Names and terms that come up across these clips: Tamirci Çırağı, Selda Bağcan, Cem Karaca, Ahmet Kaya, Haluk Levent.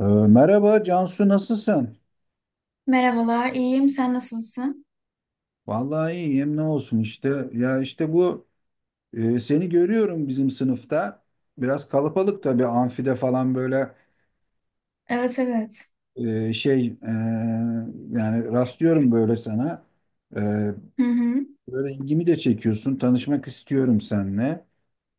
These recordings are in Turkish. Merhaba Cansu, nasılsın? Merhabalar, iyiyim. Sen nasılsın? Vallahi iyiyim, ne olsun işte. Ya işte bu seni görüyorum bizim sınıfta. Biraz kalabalık tabii, amfide falan böyle Evet, evet. e, şey e, yani rastlıyorum böyle sana. E, Hı hı. Böyle ilgimi de çekiyorsun. Tanışmak istiyorum seninle.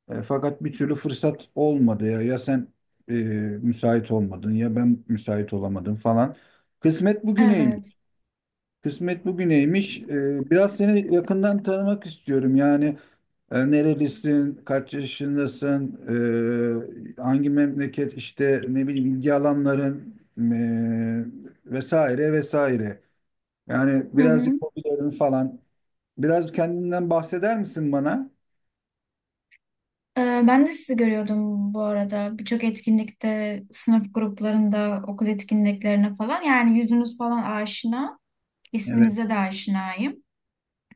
Fakat bir türlü fırsat olmadı ya. Ya sen e, müsait olmadın, ya ben müsait olamadım falan. Kısmet Evet. bugüneymiş. Kısmet bugüneymiş. Biraz seni yakından tanımak istiyorum. Yani nerelisin, kaç yaşındasın, hangi memleket, işte ne bileyim ilgi alanların vesaire vesaire. Yani Hı birazcık hı. hobilerin falan. Biraz kendinden bahseder misin bana? Ee, Ben de sizi görüyordum bu arada. Birçok etkinlikte, sınıf gruplarında, okul etkinliklerine falan. Yani yüzünüz falan aşina. Evet. İsminize de aşinayım.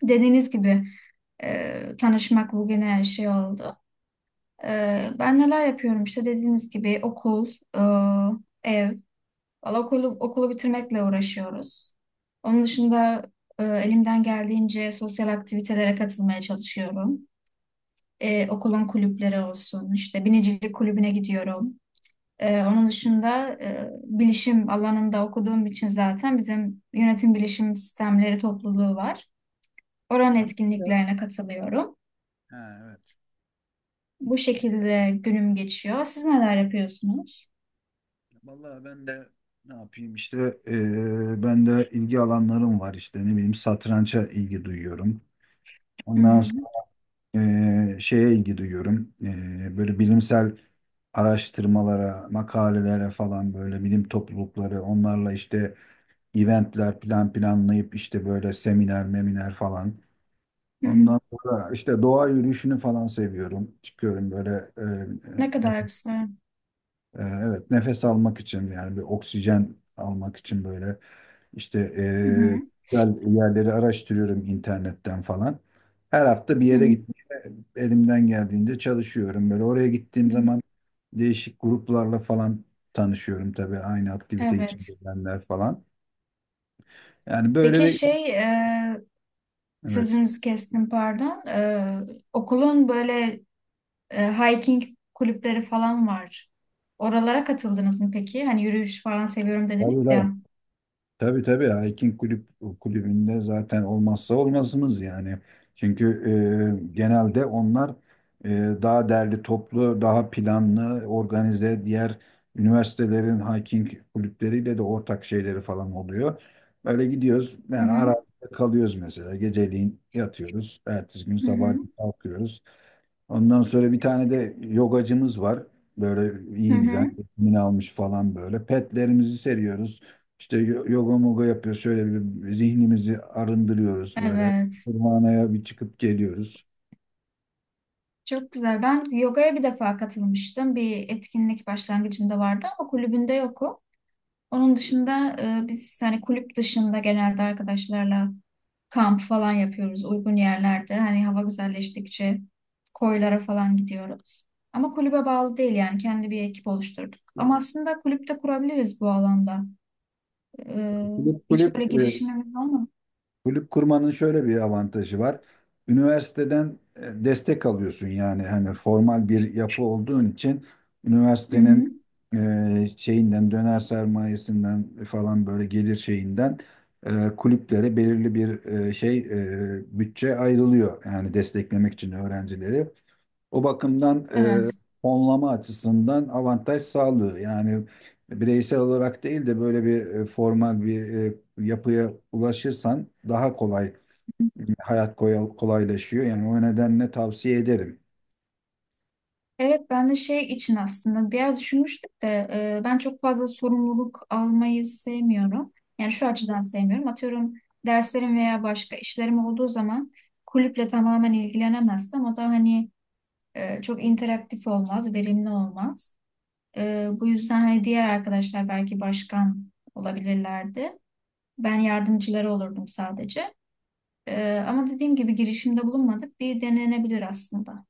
Dediğiniz gibi tanışmak bugüne her şey oldu. Ben neler yapıyorum işte dediğiniz gibi okul, ev. Valla okulu bitirmekle uğraşıyoruz. Onun dışında elimden geldiğince sosyal aktivitelere katılmaya çalışıyorum. Okulun kulüpleri olsun, işte binicilik kulübüne gidiyorum. Onun dışında bilişim alanında okuduğum için zaten bizim yönetim bilişim sistemleri topluluğu var. Oranın etkinliklerine katılıyorum. Ha, evet. Bu şekilde günüm geçiyor. Siz neler yapıyorsunuz? Vallahi ben de ne yapayım işte, ben de ilgi alanlarım var, işte ne bileyim satranca ilgi duyuyorum. Hı Ondan hı, şeye ilgi duyuyorum. E, böyle bilimsel araştırmalara, makalelere falan, böyle bilim toplulukları, onlarla işte eventler planlayıp işte böyle seminer, meminer falan. hı hı. Ondan sonra işte doğa yürüyüşünü falan seviyorum. Çıkıyorum böyle e, e, Ne kadar nef- güzel. e, evet, nefes almak için, yani bir oksijen almak için böyle işte Hı hı, güzel yerleri araştırıyorum internetten falan. Her hafta bir hı yere hı, gitmeye elimden geldiğince çalışıyorum. Böyle oraya hı. gittiğim zaman değişik gruplarla falan tanışıyorum, tabii aynı aktivite Evet. içindeler falan. Yani böyle Peki bir evet. sözünüzü kestim pardon. Okulun böyle hiking kulüpleri falan var. Oralara katıldınız mı peki? Hani yürüyüş falan seviyorum Tabii dediniz tabii. ya. Tabii tabii, hiking kulübünde zaten olmazsa olmazımız yani. Çünkü genelde onlar e, daha derli toplu, daha planlı, organize, diğer üniversitelerin hiking kulüpleriyle de ortak şeyleri falan oluyor. Böyle gidiyoruz Hı yani, arada hı, kalıyoruz mesela. Geceliğin yatıyoruz. Ertesi gün hı hı, sabah kalkıyoruz. Ondan sonra bir tane de yogacımız var. Böyle hı iyi bilen, hı. eğitimini almış falan böyle. Petlerimizi seriyoruz. İşte yoga moga yapıyoruz. Şöyle bir zihnimizi arındırıyoruz böyle. Evet. Kurbanaya bir çıkıp geliyoruz. Çok güzel. Ben yogaya bir defa katılmıştım. Bir etkinlik başlangıcında vardı ama kulübünde yokum. Onun dışında biz hani kulüp dışında genelde arkadaşlarla kamp falan yapıyoruz uygun yerlerde. Hani hava güzelleştikçe koylara falan gidiyoruz. Ama kulübe bağlı değil yani kendi bir ekip oluşturduk. Ama aslında kulüpte kurabiliriz bu alanda. E, Kulüp Hiç kulüp böyle girişimimiz olmadı. Kulüp kurmanın şöyle bir avantajı var. Üniversiteden destek alıyorsun, yani hani formal bir yapı olduğun için Hı hı. üniversitenin e, şeyinden döner sermayesinden falan, böyle gelir şeyinden kulüplere belirli bir bütçe ayrılıyor, yani desteklemek için öğrencileri. O bakımdan Evet. e, fonlama açısından avantaj sağlıyor. Yani bireysel olarak değil de böyle bir formal bir yapıya ulaşırsan daha kolay hayat kolaylaşıyor. Yani o nedenle tavsiye ederim. Evet ben de şey için aslında bir yer düşünmüştüm de ben çok fazla sorumluluk almayı sevmiyorum. Yani şu açıdan sevmiyorum. Atıyorum derslerim veya başka işlerim olduğu zaman kulüple tamamen ilgilenemezsem o da hani çok interaktif olmaz, verimli olmaz. Bu yüzden hani diğer arkadaşlar belki başkan olabilirlerdi. Ben yardımcıları olurdum sadece. Ama dediğim gibi girişimde bulunmadık. Bir denenebilir aslında.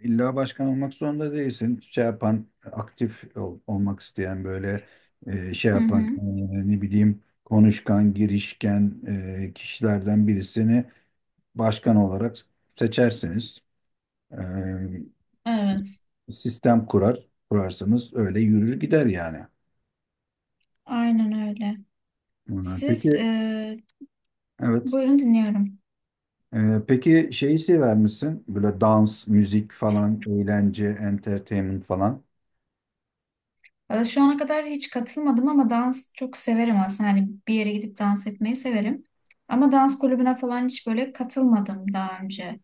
İlla başkan olmak zorunda değilsin. Şey yapan, olmak isteyen böyle Hı hı. ne bileyim, konuşkan, girişken kişilerden birisini başkan olarak seçersiniz. Evet. Sistem kurar, kurarsanız öyle yürür gider yani. Aynen öyle. Peki, Siz evet. buyurun dinliyorum. Peki, şeyi sever misin? Böyle dans, müzik falan, eğlence, entertainment falan. Valla şu ana kadar hiç katılmadım ama dans çok severim aslında. Hani bir yere gidip dans etmeyi severim. Ama dans kulübüne falan hiç böyle katılmadım daha önce.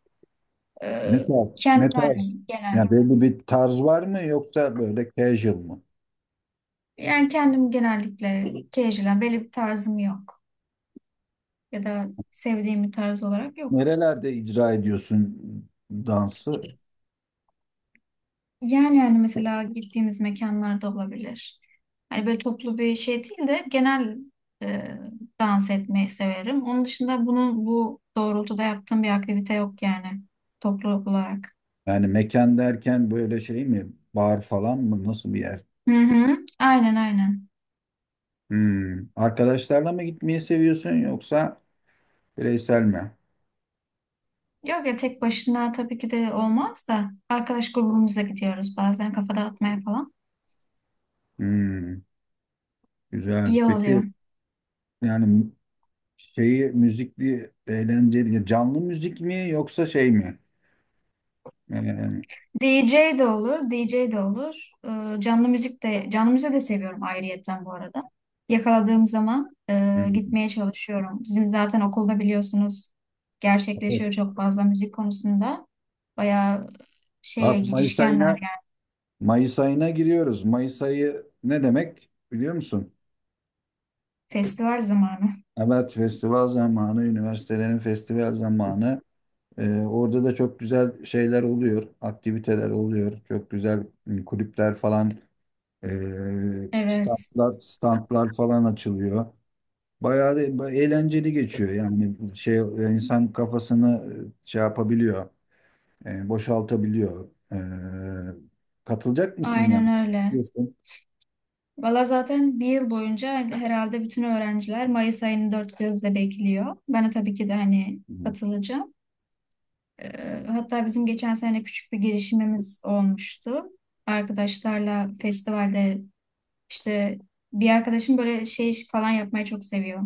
E, Ne tarz? Kendim Ne tarz? hani genel. Yani belli bir tarz var mı, yoksa böyle casual mı? Yani kendim genellikle casual, belli bir tarzım yok. Ya da sevdiğim bir tarz olarak yok. Nerelerde icra ediyorsun dansı? Yani yani mesela gittiğimiz mekanlarda olabilir. Hani böyle toplu bir şey değil de genel e, dans etmeyi severim. Onun dışında bunun bu doğrultuda yaptığım bir aktivite yok yani toplu olarak. Yani mekan derken böyle şey mi? Bar falan mı? Nasıl bir yer? Hı hı. Aynen aynen. Hmm. Arkadaşlarla mı gitmeyi seviyorsun, yoksa bireysel mi? Yok ya tek başına tabii ki de olmaz da arkadaş grubumuzla gidiyoruz bazen kafa dağıtmaya falan. Hmm. Güzel. İyi oluyor. Peki, yani şeyi, müzikli eğlenceli, canlı müzik mi, yoksa şey mi? Yani, D J de olur, D J de olur. Canlı müziği de seviyorum ayrıyetten bu arada. Yakaladığım zaman hmm, gitmeye çalışıyorum. Bizim zaten okulda biliyorsunuz evet. gerçekleşiyor çok fazla müzik konusunda. Bayağı şeye Bak Mayıs girişkenler ayına yani Mayıs ayına giriyoruz. Mayıs ayı ne demek biliyor musun? festival zamanı. Evet, festival zamanı, üniversitelerin festival zamanı. Orada da çok güzel şeyler oluyor, aktiviteler oluyor. Çok güzel, hmm, kulüpler falan, Evet, standlar, standlar falan açılıyor. Bayağı da eğlenceli geçiyor. Yani şey, insan kafasını e, şey yapabiliyor, boşaltabiliyor. E, katılacak mısın aynen yani? öyle. Diyorsun. Valla zaten bir yıl boyunca herhalde bütün öğrenciler Mayıs ayını dört gözle bekliyor. Ben de tabii ki de hani Hı. katılacağım. Hatta bizim geçen sene küçük bir girişimimiz olmuştu. Arkadaşlarla festivalde işte bir arkadaşım böyle şey falan yapmayı çok seviyor.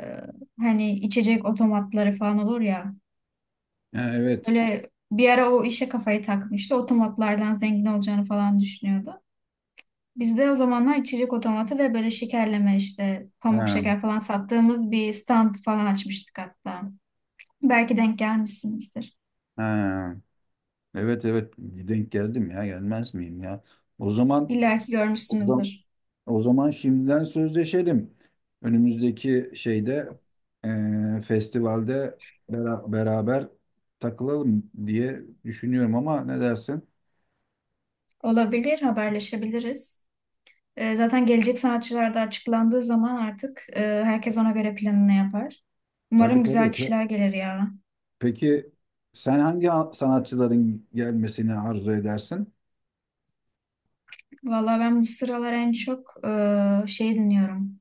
Ee, Hani içecek otomatları falan olur ya. Ha, evet. Böyle bir ara o işe kafayı takmıştı. Otomatlardan zengin olacağını falan düşünüyordu. Biz de o zamanlar içecek otomatı ve böyle şekerleme işte pamuk Ha, şeker falan sattığımız bir stand falan açmıştık hatta. Belki denk gelmişsinizdir. ha. Evet evet, denk geldim ya, gelmez miyim ya? O zaman İlla ki o zaman, görmüşsünüzdür. o zaman şimdiden sözleşelim. Önümüzdeki şeyde, festivalde beraber takılalım diye düşünüyorum, ama ne dersin? Olabilir, haberleşebiliriz. Zaten gelecek sanatçılar da açıklandığı zaman artık herkes ona göre planını yapar. Tabii Umarım tabii. güzel kişiler gelir ya. Peki sen hangi sanatçıların gelmesini arzu edersin? Valla ben bu sıralar en çok şey dinliyorum.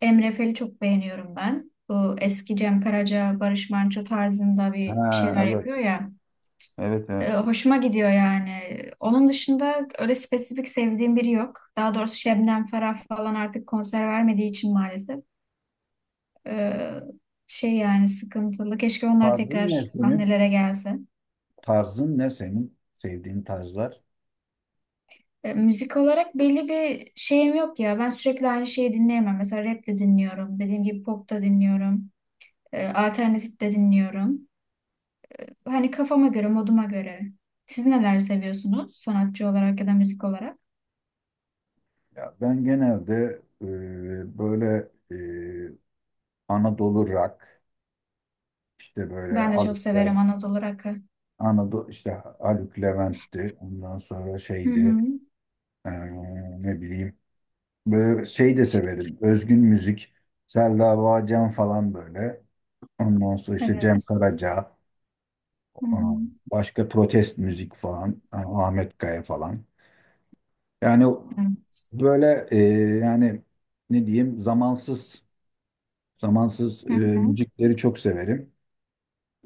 Emre Fel'i çok beğeniyorum ben. Bu eski Cem Karaca, Barış Manço tarzında Ha bir şeyler evet. yapıyor ya. Evet evet. Hoşuma gidiyor yani. Onun dışında öyle spesifik sevdiğim biri yok. Daha doğrusu Şebnem Ferah falan artık konser vermediği için maalesef. Ee, Şey yani sıkıntılı. Keşke onlar Tarzın ne tekrar senin? sahnelere gelse. Tarzın ne senin? Sevdiğin tarzlar? Müzik olarak belli bir şeyim yok ya. Ben sürekli aynı şeyi dinleyemem. Mesela rap de dinliyorum. Dediğim gibi pop da dinliyorum. Alternatif de dinliyorum. Hani kafama göre, moduma göre. Siz neler seviyorsunuz sanatçı olarak ya da müzik olarak? Ya ben genelde e, böyle e, Anadolu rock, işte böyle Ben de çok Haluk severim Levent, Anadolu Rock'ı. Anadolu işte Haluk Levent'ti. Ondan sonra Hı şeydi hı. e, ne bileyim, böyle şey de severim. Özgün müzik. Selda Bağcan falan böyle. Ondan sonra işte Cem Evet. Karaca. Hı hı. Aa, başka protest müzik falan, aa, Ahmet Kaya falan. Yani Evet. böyle yani ne diyeyim, zamansız Hı hı. müzikleri çok severim.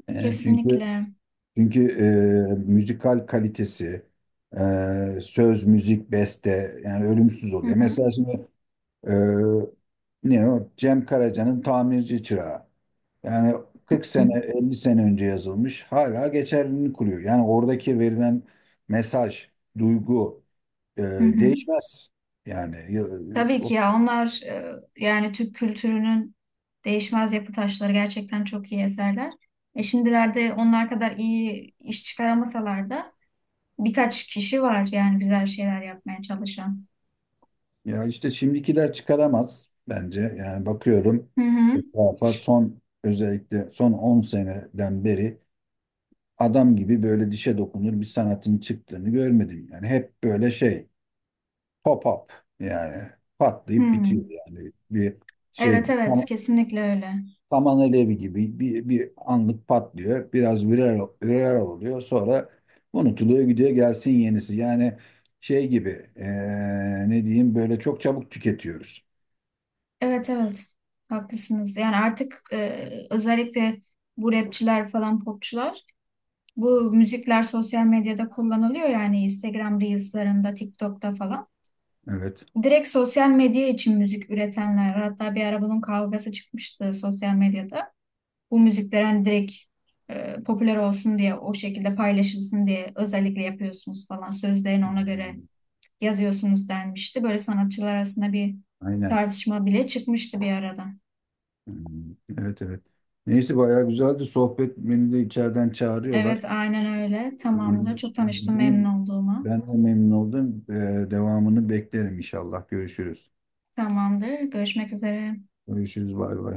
E, çünkü Kesinlikle. çünkü müzikal kalitesi, söz, müzik, beste, yani ölümsüz Hı oluyor. hı. Mesela şimdi e, ne o? Cem Karaca'nın Tamirci Çırağı. Yani 40 sene, 50 sene önce yazılmış, hala geçerliliğini kuruyor. Yani oradaki verilen mesaj, duygu e, Hı hı. değişmez. Yani ya, Tabii o- ki ya onlar yani Türk kültürünün değişmez yapı taşları gerçekten çok iyi eserler. Şimdilerde onlar kadar iyi iş çıkaramasalar da birkaç kişi var yani güzel şeyler yapmaya çalışan. Ya işte şimdikiler çıkaramaz bence. Yani bakıyorum Hı hı. etrafa, son, özellikle son 10 seneden beri adam gibi böyle dişe dokunur bir sanatın çıktığını görmedim. Yani hep böyle şey, pop-up, yani Hı. patlayıp bitiyor, yani bir şey Evet gibi. evet kesinlikle öyle. Saman alevi gibi bir, bir anlık patlıyor. Biraz viral oluyor. Sonra unutuluyor, gidiyor, gelsin yenisi. Yani şey gibi, ne diyeyim, böyle çok çabuk tüketiyoruz. Evet evet haklısınız. Yani artık özellikle bu rapçiler falan popçular bu müzikler sosyal medyada kullanılıyor yani Instagram Reels'larında, TikTok'ta falan. Evet. Direkt sosyal medya için müzik üretenler, hatta bir ara bunun kavgası çıkmıştı sosyal medyada. Bu müzikler hani direkt popüler olsun diye, o şekilde paylaşılsın diye özellikle yapıyorsunuz falan. Sözlerini ona göre Hmm, yazıyorsunuz denmişti. Böyle sanatçılar arasında bir aynen. tartışma bile çıkmıştı bir arada. Hmm, evet evet. Neyse, bayağı güzeldi sohbet. Beni de içeriden çağırıyorlar. Evet, aynen öyle. Yani Tamamdır. Çok tanıştım memnun olduğuma. ben de memnun oldum. Devamını beklerim inşallah. Görüşürüz. Tamamdır. Görüşmek üzere. Görüşürüz. Bay bay.